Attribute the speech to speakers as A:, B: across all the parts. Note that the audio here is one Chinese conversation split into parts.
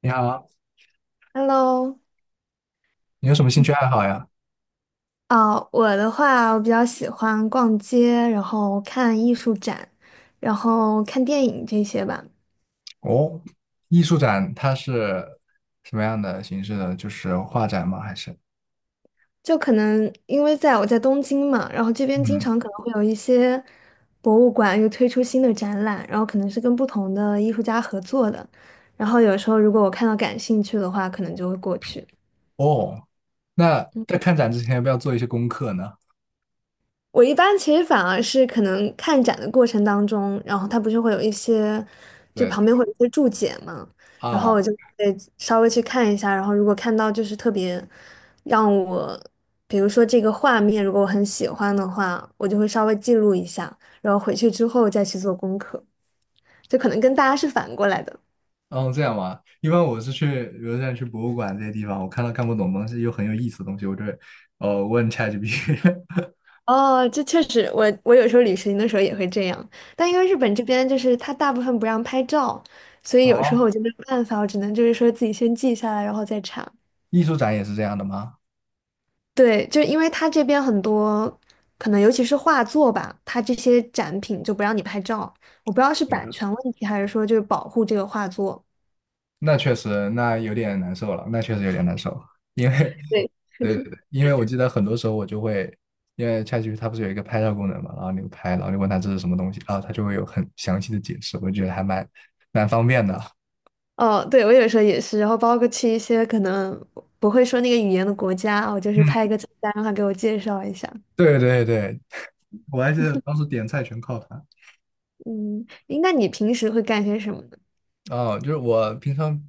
A: 你好，
B: Hello，
A: 你有什么兴趣爱好呀？
B: 我的话，我比较喜欢逛街，然后看艺术展，然后看电影这些吧。
A: 哦，艺术展它是什么样的形式的？就是画展吗？还是？
B: 就可能因为我在东京嘛，然后这边经
A: 嗯，
B: 常可能会有一些博物馆又推出新的展览，然后可能是跟不同的艺术家合作的。然后有时候如果我看到感兴趣的话，可能就会过去。
A: 哦，那在看展之前要不要做一些功课呢？
B: 我一般其实反而是可能看展的过程当中，然后它不是会有一些，就
A: 对
B: 旁边会有一些注解嘛，然后我
A: 啊，
B: 就会稍微去看一下，然后如果看到就是特别让我，比如说这个画面，如果我很喜欢的话，我就会稍微记录一下，然后回去之后再去做功课，就可能跟大家是反过来的。
A: 哦，这样吗？一般我是去，比如像去博物馆这些地方，我看到看不懂的东西又很有意思的东西，我就会问 ChatGPT。
B: 哦，这确实，我有时候旅行的时候也会这样，但因为日本这边就是他大部分不让拍照，所以有时候
A: 哦，
B: 我就没有办法，我只能就是说自己先记下来，然后再查。
A: 艺术展也是这样的吗？
B: 对，就因为它这边很多，可能尤其是画作吧，它这些展品就不让你拍照，我不知道是
A: 对，
B: 版权问题还是说就是保护这个画作。
A: 那确实，那有点难受了，那确实有点难受。因为。
B: 对，
A: 对对对，因为我记得很多时候我就会，因为 c h a t 它不是有一个拍照功能嘛，然后你拍，然后你问它这是什么东西，然后它就会有很详细的解释，我就觉得还蛮方便的。
B: 哦，对，我有时候也是，然后包括去一些可能不会说那个语言的国家，我就
A: 嗯，
B: 是拍一个 菜单，让他给我介绍一下。
A: 对对对，我还记得当时点菜全靠它。
B: 嗯，诶那你平时会干些什么？
A: 哦，就是我平常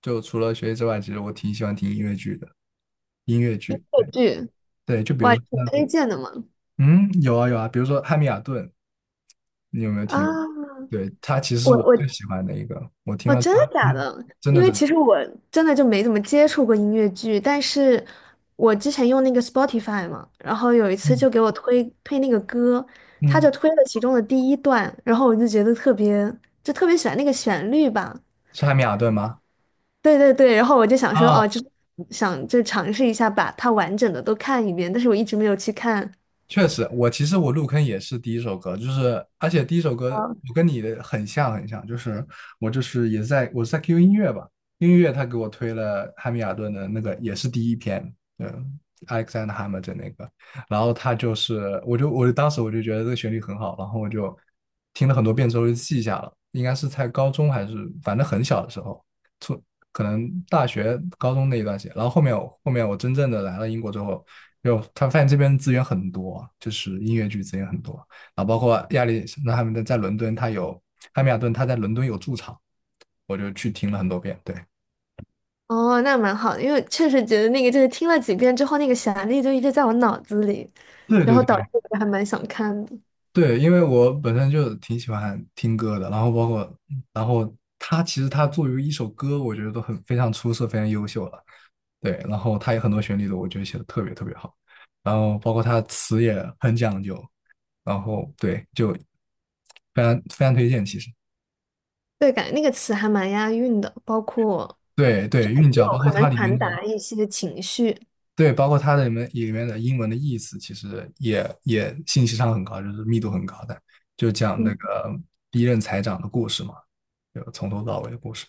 A: 就除了学习之外，其实我挺喜欢听音乐剧的，音乐剧。对
B: 剧，
A: 对，就比
B: 哇，
A: 如
B: 你
A: 说，
B: 是推荐的吗？
A: 嗯，有啊有啊，比如说《汉密尔顿》，你有没有听？
B: 啊，
A: 对，他其实是
B: 我
A: 我
B: 我
A: 最喜欢的一个，我听
B: 哦，
A: 了
B: 真的
A: 他，
B: 假
A: 嗯，
B: 的？
A: 真
B: 因
A: 的
B: 为
A: 真的，
B: 其实我真的就没怎么接触过音乐剧，但是我之前用那个 Spotify 嘛，然后有一次
A: 嗯
B: 就给我推那个歌，他就
A: 嗯，
B: 推了其中的第一段，然后我就觉得特别，就特别喜欢那个旋律吧。
A: 是汉密尔顿吗？
B: 对对对，然后我就想说，
A: 啊，
B: 哦，就想就尝试一下把它完整的都看一遍，但是我一直没有去看，
A: 确实，我其实我入坑也是第一首歌，就是而且第一首歌我跟你的很像很像，就是我就是也是我是在 QQ 音乐吧，音乐他给我推了汉密尔顿的那个也是第一篇，嗯，Alexander Hamilton 那个，然后他就是我就当时我就觉得这个旋律很好，然后我就听了很多遍之后就记下了，应该是在高中还是反正很小的时候，从可能大学、高中那一段时间，然后后面我真正的来了英国之后，就他发现这边资源很多，就是音乐剧资源很多，然后包括亚历那他们在伦敦，他有汉密尔顿，他在伦敦有驻场，我就去听了很多遍，对。
B: 哦，那蛮好的，因为确实觉得那个就是听了几遍之后，那个旋律就一直在我脑子里，
A: 对
B: 然
A: 对
B: 后
A: 对
B: 导致我还蛮想看的。
A: 对，因为我本身就挺喜欢听歌的，然后包括，然后他其实他作为一首歌，我觉得都很非常出色，非常优秀了。对，然后他有很多旋律的，我觉得写的特别特别好，然后包括他词也很讲究，然后对，就非常非常推荐，其实
B: 对，感觉那个词还蛮押韵的，包括
A: 对对，韵
B: 也
A: 脚包
B: 有
A: 括
B: 很能
A: 它里
B: 传
A: 面的
B: 达一些情绪。
A: 对，包括它里面的英文的意思，其实也信息上很高，就是密度很高的，就讲那
B: 嗯
A: 个第一任财长的故事嘛，就从头到尾的故事。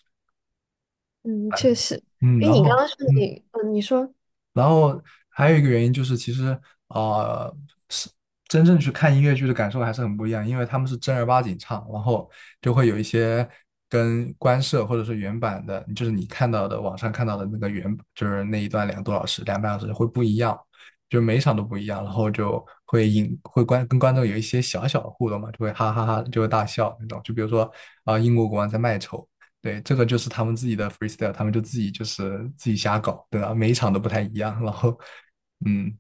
B: 嗯，确实，
A: 嗯，
B: 因
A: 然
B: 为你刚刚
A: 后
B: 说
A: 嗯。
B: 你，你说
A: 然后还有一个原因就是，其实啊，是真正去看音乐剧的感受还是很不一样，因为他们是正儿八经唱，然后就会有一些跟官摄或者是原版的，就是你看到的网上看到的那个原，就是那一段2个多小时、2个半小时会不一样，就每一场都不一样，然后就会引会观跟观众有一些小小的互动嘛，就会哈哈哈，就会大笑那种。就比如说英国国王在卖丑，对，这个就是他们自己的 freestyle，他们就自己就是自己瞎搞，对吧？每一场都不太一样，然后，嗯，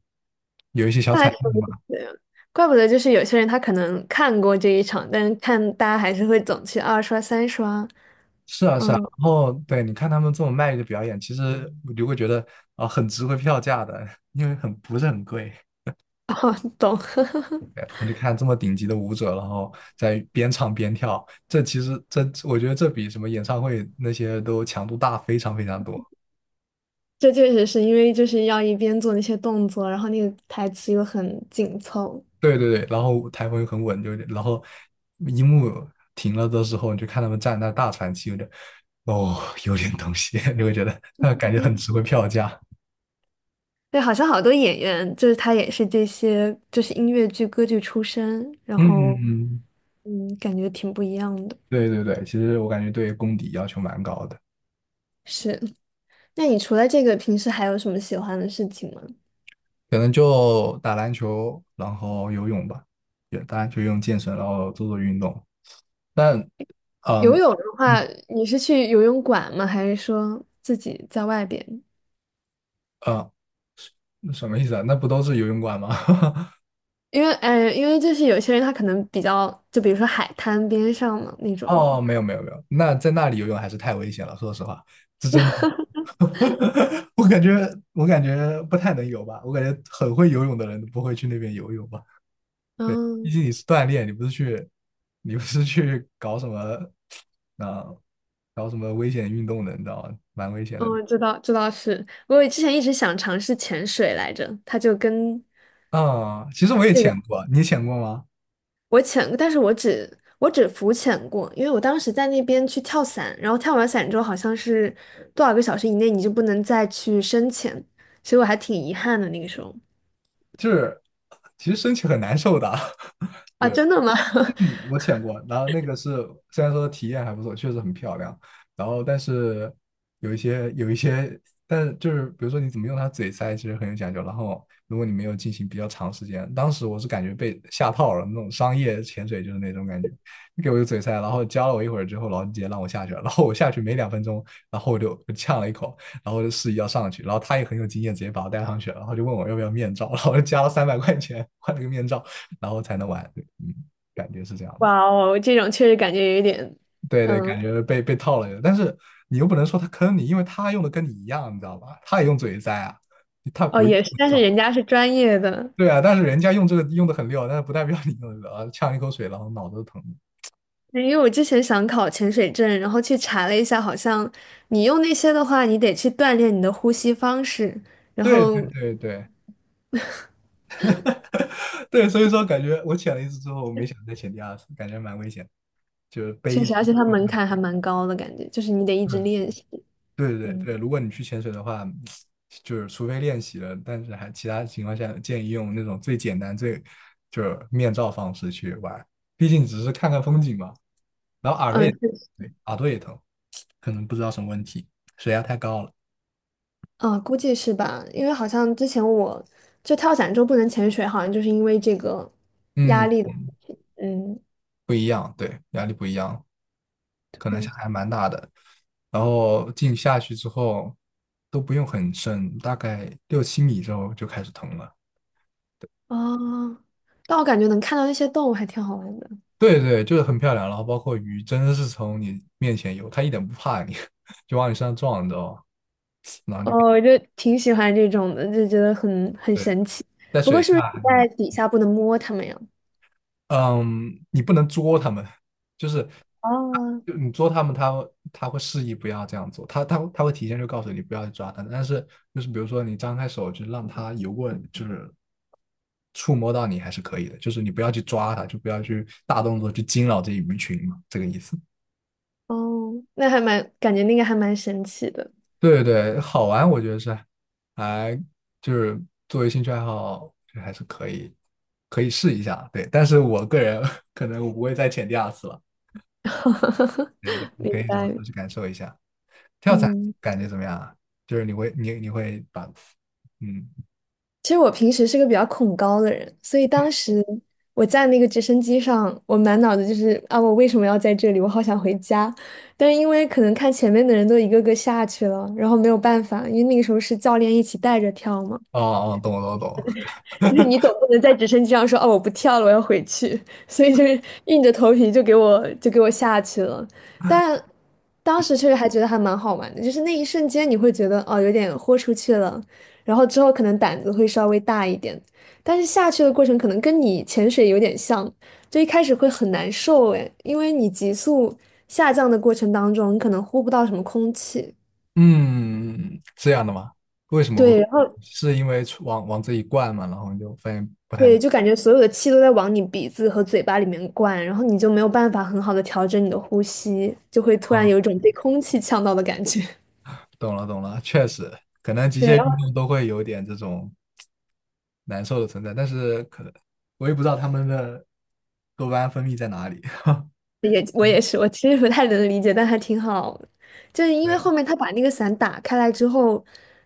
B: 那还挺有意思的，怪不得就是有些人他可能看过这一场，但是看大家还是会总去二刷三刷。
A: 然
B: 嗯，
A: 后对，你看他们这么卖力的表演，其实我就会觉得很值回票价的，因为很不是很贵。
B: 哦，懂。
A: 对，然后就看这么顶级的舞者，然后在边唱边跳，这其实这我觉得这比什么演唱会那些都强度大非常非常多。
B: 这确实是因为就是要一边做那些动作，然后那个台词又很紧凑。
A: 对对对，然后台风又很稳，就然后一幕停了的时候，你就看他们站在那大喘气，有点哦，有点东西，你会觉得，感觉很值回票价。
B: 对，好像好多演员就是他也是这些，就是音乐剧、歌剧出身，然后
A: 嗯，
B: 嗯，感觉挺不一样的。
A: 对对对，其实我感觉对功底要求蛮高的，
B: 是，那你除了这个，平时还有什么喜欢的事情吗？
A: 可能就打篮球，然后游泳吧，也打篮球、用健身，然后做做运动。但，
B: 游
A: 嗯
B: 泳的
A: 嗯
B: 话，你是去游泳馆吗？还是说自己在外边？
A: 呃，什么意思啊？那不都是游泳馆吗？
B: 因为，因为就是有些人他可能比较，就比如说海滩边上嘛那 种。
A: 哦，没有没有没有，那在那里游泳还是太危险了，说实话，这真的。我感觉，我感觉不太能游吧。我感觉很会游泳的人都不会去那边游泳吧。毕
B: 嗯。
A: 竟你是锻炼，你不是去，你不是去搞什么啊、搞什么危险运动的，你知道吗？蛮危险的
B: 嗯，知道知道是，我之前一直想尝试潜水来着，它就跟
A: 其实我也
B: 这个
A: 潜过啊，你潜过吗？
B: 我潜，但是我只浮潜过，因为我当时在那边去跳伞，然后跳完伞之后好像是多少个小时以内你就不能再去深潜，所以我还挺遗憾的那个时候。
A: 就是其实身体很难受的，
B: 啊，真的吗？
A: 嗯我潜过，然后那个是虽然说体验还不错，确实很漂亮，然后但是有一些，但是就是比如说你怎么用它嘴塞，其实很有讲究。然后如果你没有进行比较长时间，当时我是感觉被下套了，那种商业潜水就是那种感觉，你给我一个嘴塞，然后教了我一会儿之后，然后你直接让我下去了，然后我下去没2分钟，然后我就呛了一口，然后我就示意要上去，然后他也很有经验，直接把我带上去了，然后就问我要不要面罩，然后我就加了300块钱换了个面罩，然后才能玩。对嗯。感觉是这样的。
B: 哇哦，这种确实感觉有一点，
A: 对对，
B: 嗯，
A: 感觉被套了，但是你又不能说他坑你，因为他用的跟你一样，你知道吧？他也用嘴栽啊，他
B: 哦
A: 不是。
B: 也是，但是人家是专业的，
A: 对啊，但是人家用这个用的很溜，但是不代表你用的啊，呛一口水，然后脑子都疼。
B: 对，因为我之前想考潜水证，然后去查了一下，好像你用那些的话，你得去锻炼你的呼吸方式，然
A: 对对
B: 后
A: 对对 对，所以说感觉我潜了一次之后，我没想再潜第二次，感觉蛮危险的就是背
B: 确
A: 一直。
B: 实，而且它门槛还蛮高的感觉，就是你得一直练习。
A: 对对
B: 嗯，
A: 对，如果你去潜水的话，就是除非练习了，但是还其他情况下建议用那种最简单、最就是面罩方式去玩，毕竟只是看看风景嘛。然后耳朵
B: 嗯，
A: 也，
B: 确实
A: 对，耳朵也疼，可能不知道什么问题，水压太高了。
B: 啊，估计是吧？因为好像之前我就跳伞之后不能潜水，好像就是因为这个
A: 嗯，
B: 压力的。嗯，
A: 不一样，对，压力不一样，可能
B: 对
A: 还蛮大的。然后进下去之后都不用很深，大概6、7米之后就开始疼了。
B: 啊，但我感觉能看到那些动物还挺好玩的。
A: 对对，就是很漂亮，然后包括鱼真的是从你面前游，它一点不怕你，就往你身上撞，你知道吗？然后就
B: 哦，我就挺喜欢这种的，就觉得很
A: 对，
B: 神奇。
A: 在水下，
B: 在底下不能摸他们呀。
A: 嗯，你不能捉它们，就是
B: 啊，
A: 就你捉它们，它会示意不要这样做，它会提前就告诉你不要去抓它，但是就是比如说你张开手就让它游过，就是触摸到你还是可以的，就是你不要去抓它，就不要去大动作去惊扰这一鱼群嘛，这个意思。
B: 哦，那还蛮，感觉那个还蛮神奇的。
A: 对对，好玩，我觉得是还就是作为兴趣爱好，这还是可以试一下。对，但是我个人 可能我不会再潜第二次了。对对，你
B: 明
A: 可以什么时
B: 白。
A: 候去感受一下。跳伞
B: 嗯，
A: 感觉怎么样啊？就是你会你会把嗯
B: 其实我平时是个比较恐高的人，所以当时我在那个直升机上，我满脑子就是啊，我为什么要在这里？我好想回家。但是因为可能看前面的人都一个个下去了，然后没有办法，因为那个时候是教练一起带着跳嘛。
A: 哦哦，懂了懂了
B: 就
A: 懂
B: 是
A: 了，
B: 你总不能在直升机上说哦我不跳了，我要回去，所以就是硬着头皮就给我下去了。但当时确实还觉得还蛮好玩的，就是那一瞬间你会觉得哦有点豁出去了，然后之后可能胆子会稍微大一点，但是下去的过程可能跟你潜水有点像，就一开始会很难受诶，因为你急速下降的过程当中，你可能呼不到什么空气。
A: 嗯，这样的吗？为什么会？
B: 对，然后
A: 是因为出往往这一灌嘛，然后你就发现，
B: 对，就感觉所有的气都在往你鼻子和嘴巴里面灌，然后你就没有办法很好的调整你的呼吸，就会突然
A: 啊，
B: 有一种被空气呛到的感觉。
A: 懂了懂了，确实，可能极
B: 对，
A: 限
B: 然
A: 运
B: 后
A: 动都会有点这种。难受的存在，但是可能我也不知道他们的多巴胺分泌在哪里。
B: 我也是，我其实不太能理解，但还挺好的。就是因为
A: 对，
B: 后面他把那个伞打开来之后，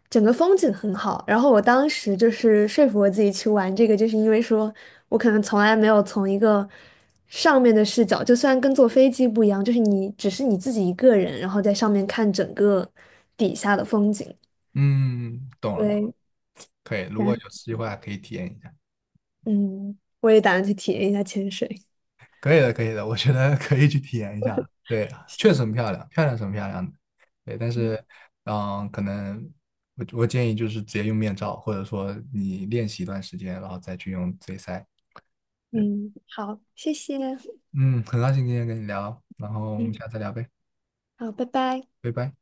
B: 整个风景很好。然后我当时就是说服我自己去玩这个，就是因为说我可能从来没有从一个上面的视角，就虽然跟坐飞机不一样，就是你只是你自己一个人，然后在上面看整个底下的风景。
A: 嗯，懂了，懂了
B: 对，
A: 可以。如果
B: 然
A: 有机会还可以体验一下，
B: 嗯，我也打算去体验一下潜水。
A: 可以的，可以的，我觉得可以去体验一下的对，确实很漂亮，漂亮是很漂亮的。对，但
B: 嗯
A: 是，嗯，可能我建议就是直接用面罩，或者说你练习一段时间，然后再去用嘴塞。对，
B: 嗯，好，谢谢。
A: 嗯，很高兴今天跟你聊，然后我们
B: 嗯，
A: 下次再聊呗，
B: 好，拜拜。
A: 拜拜。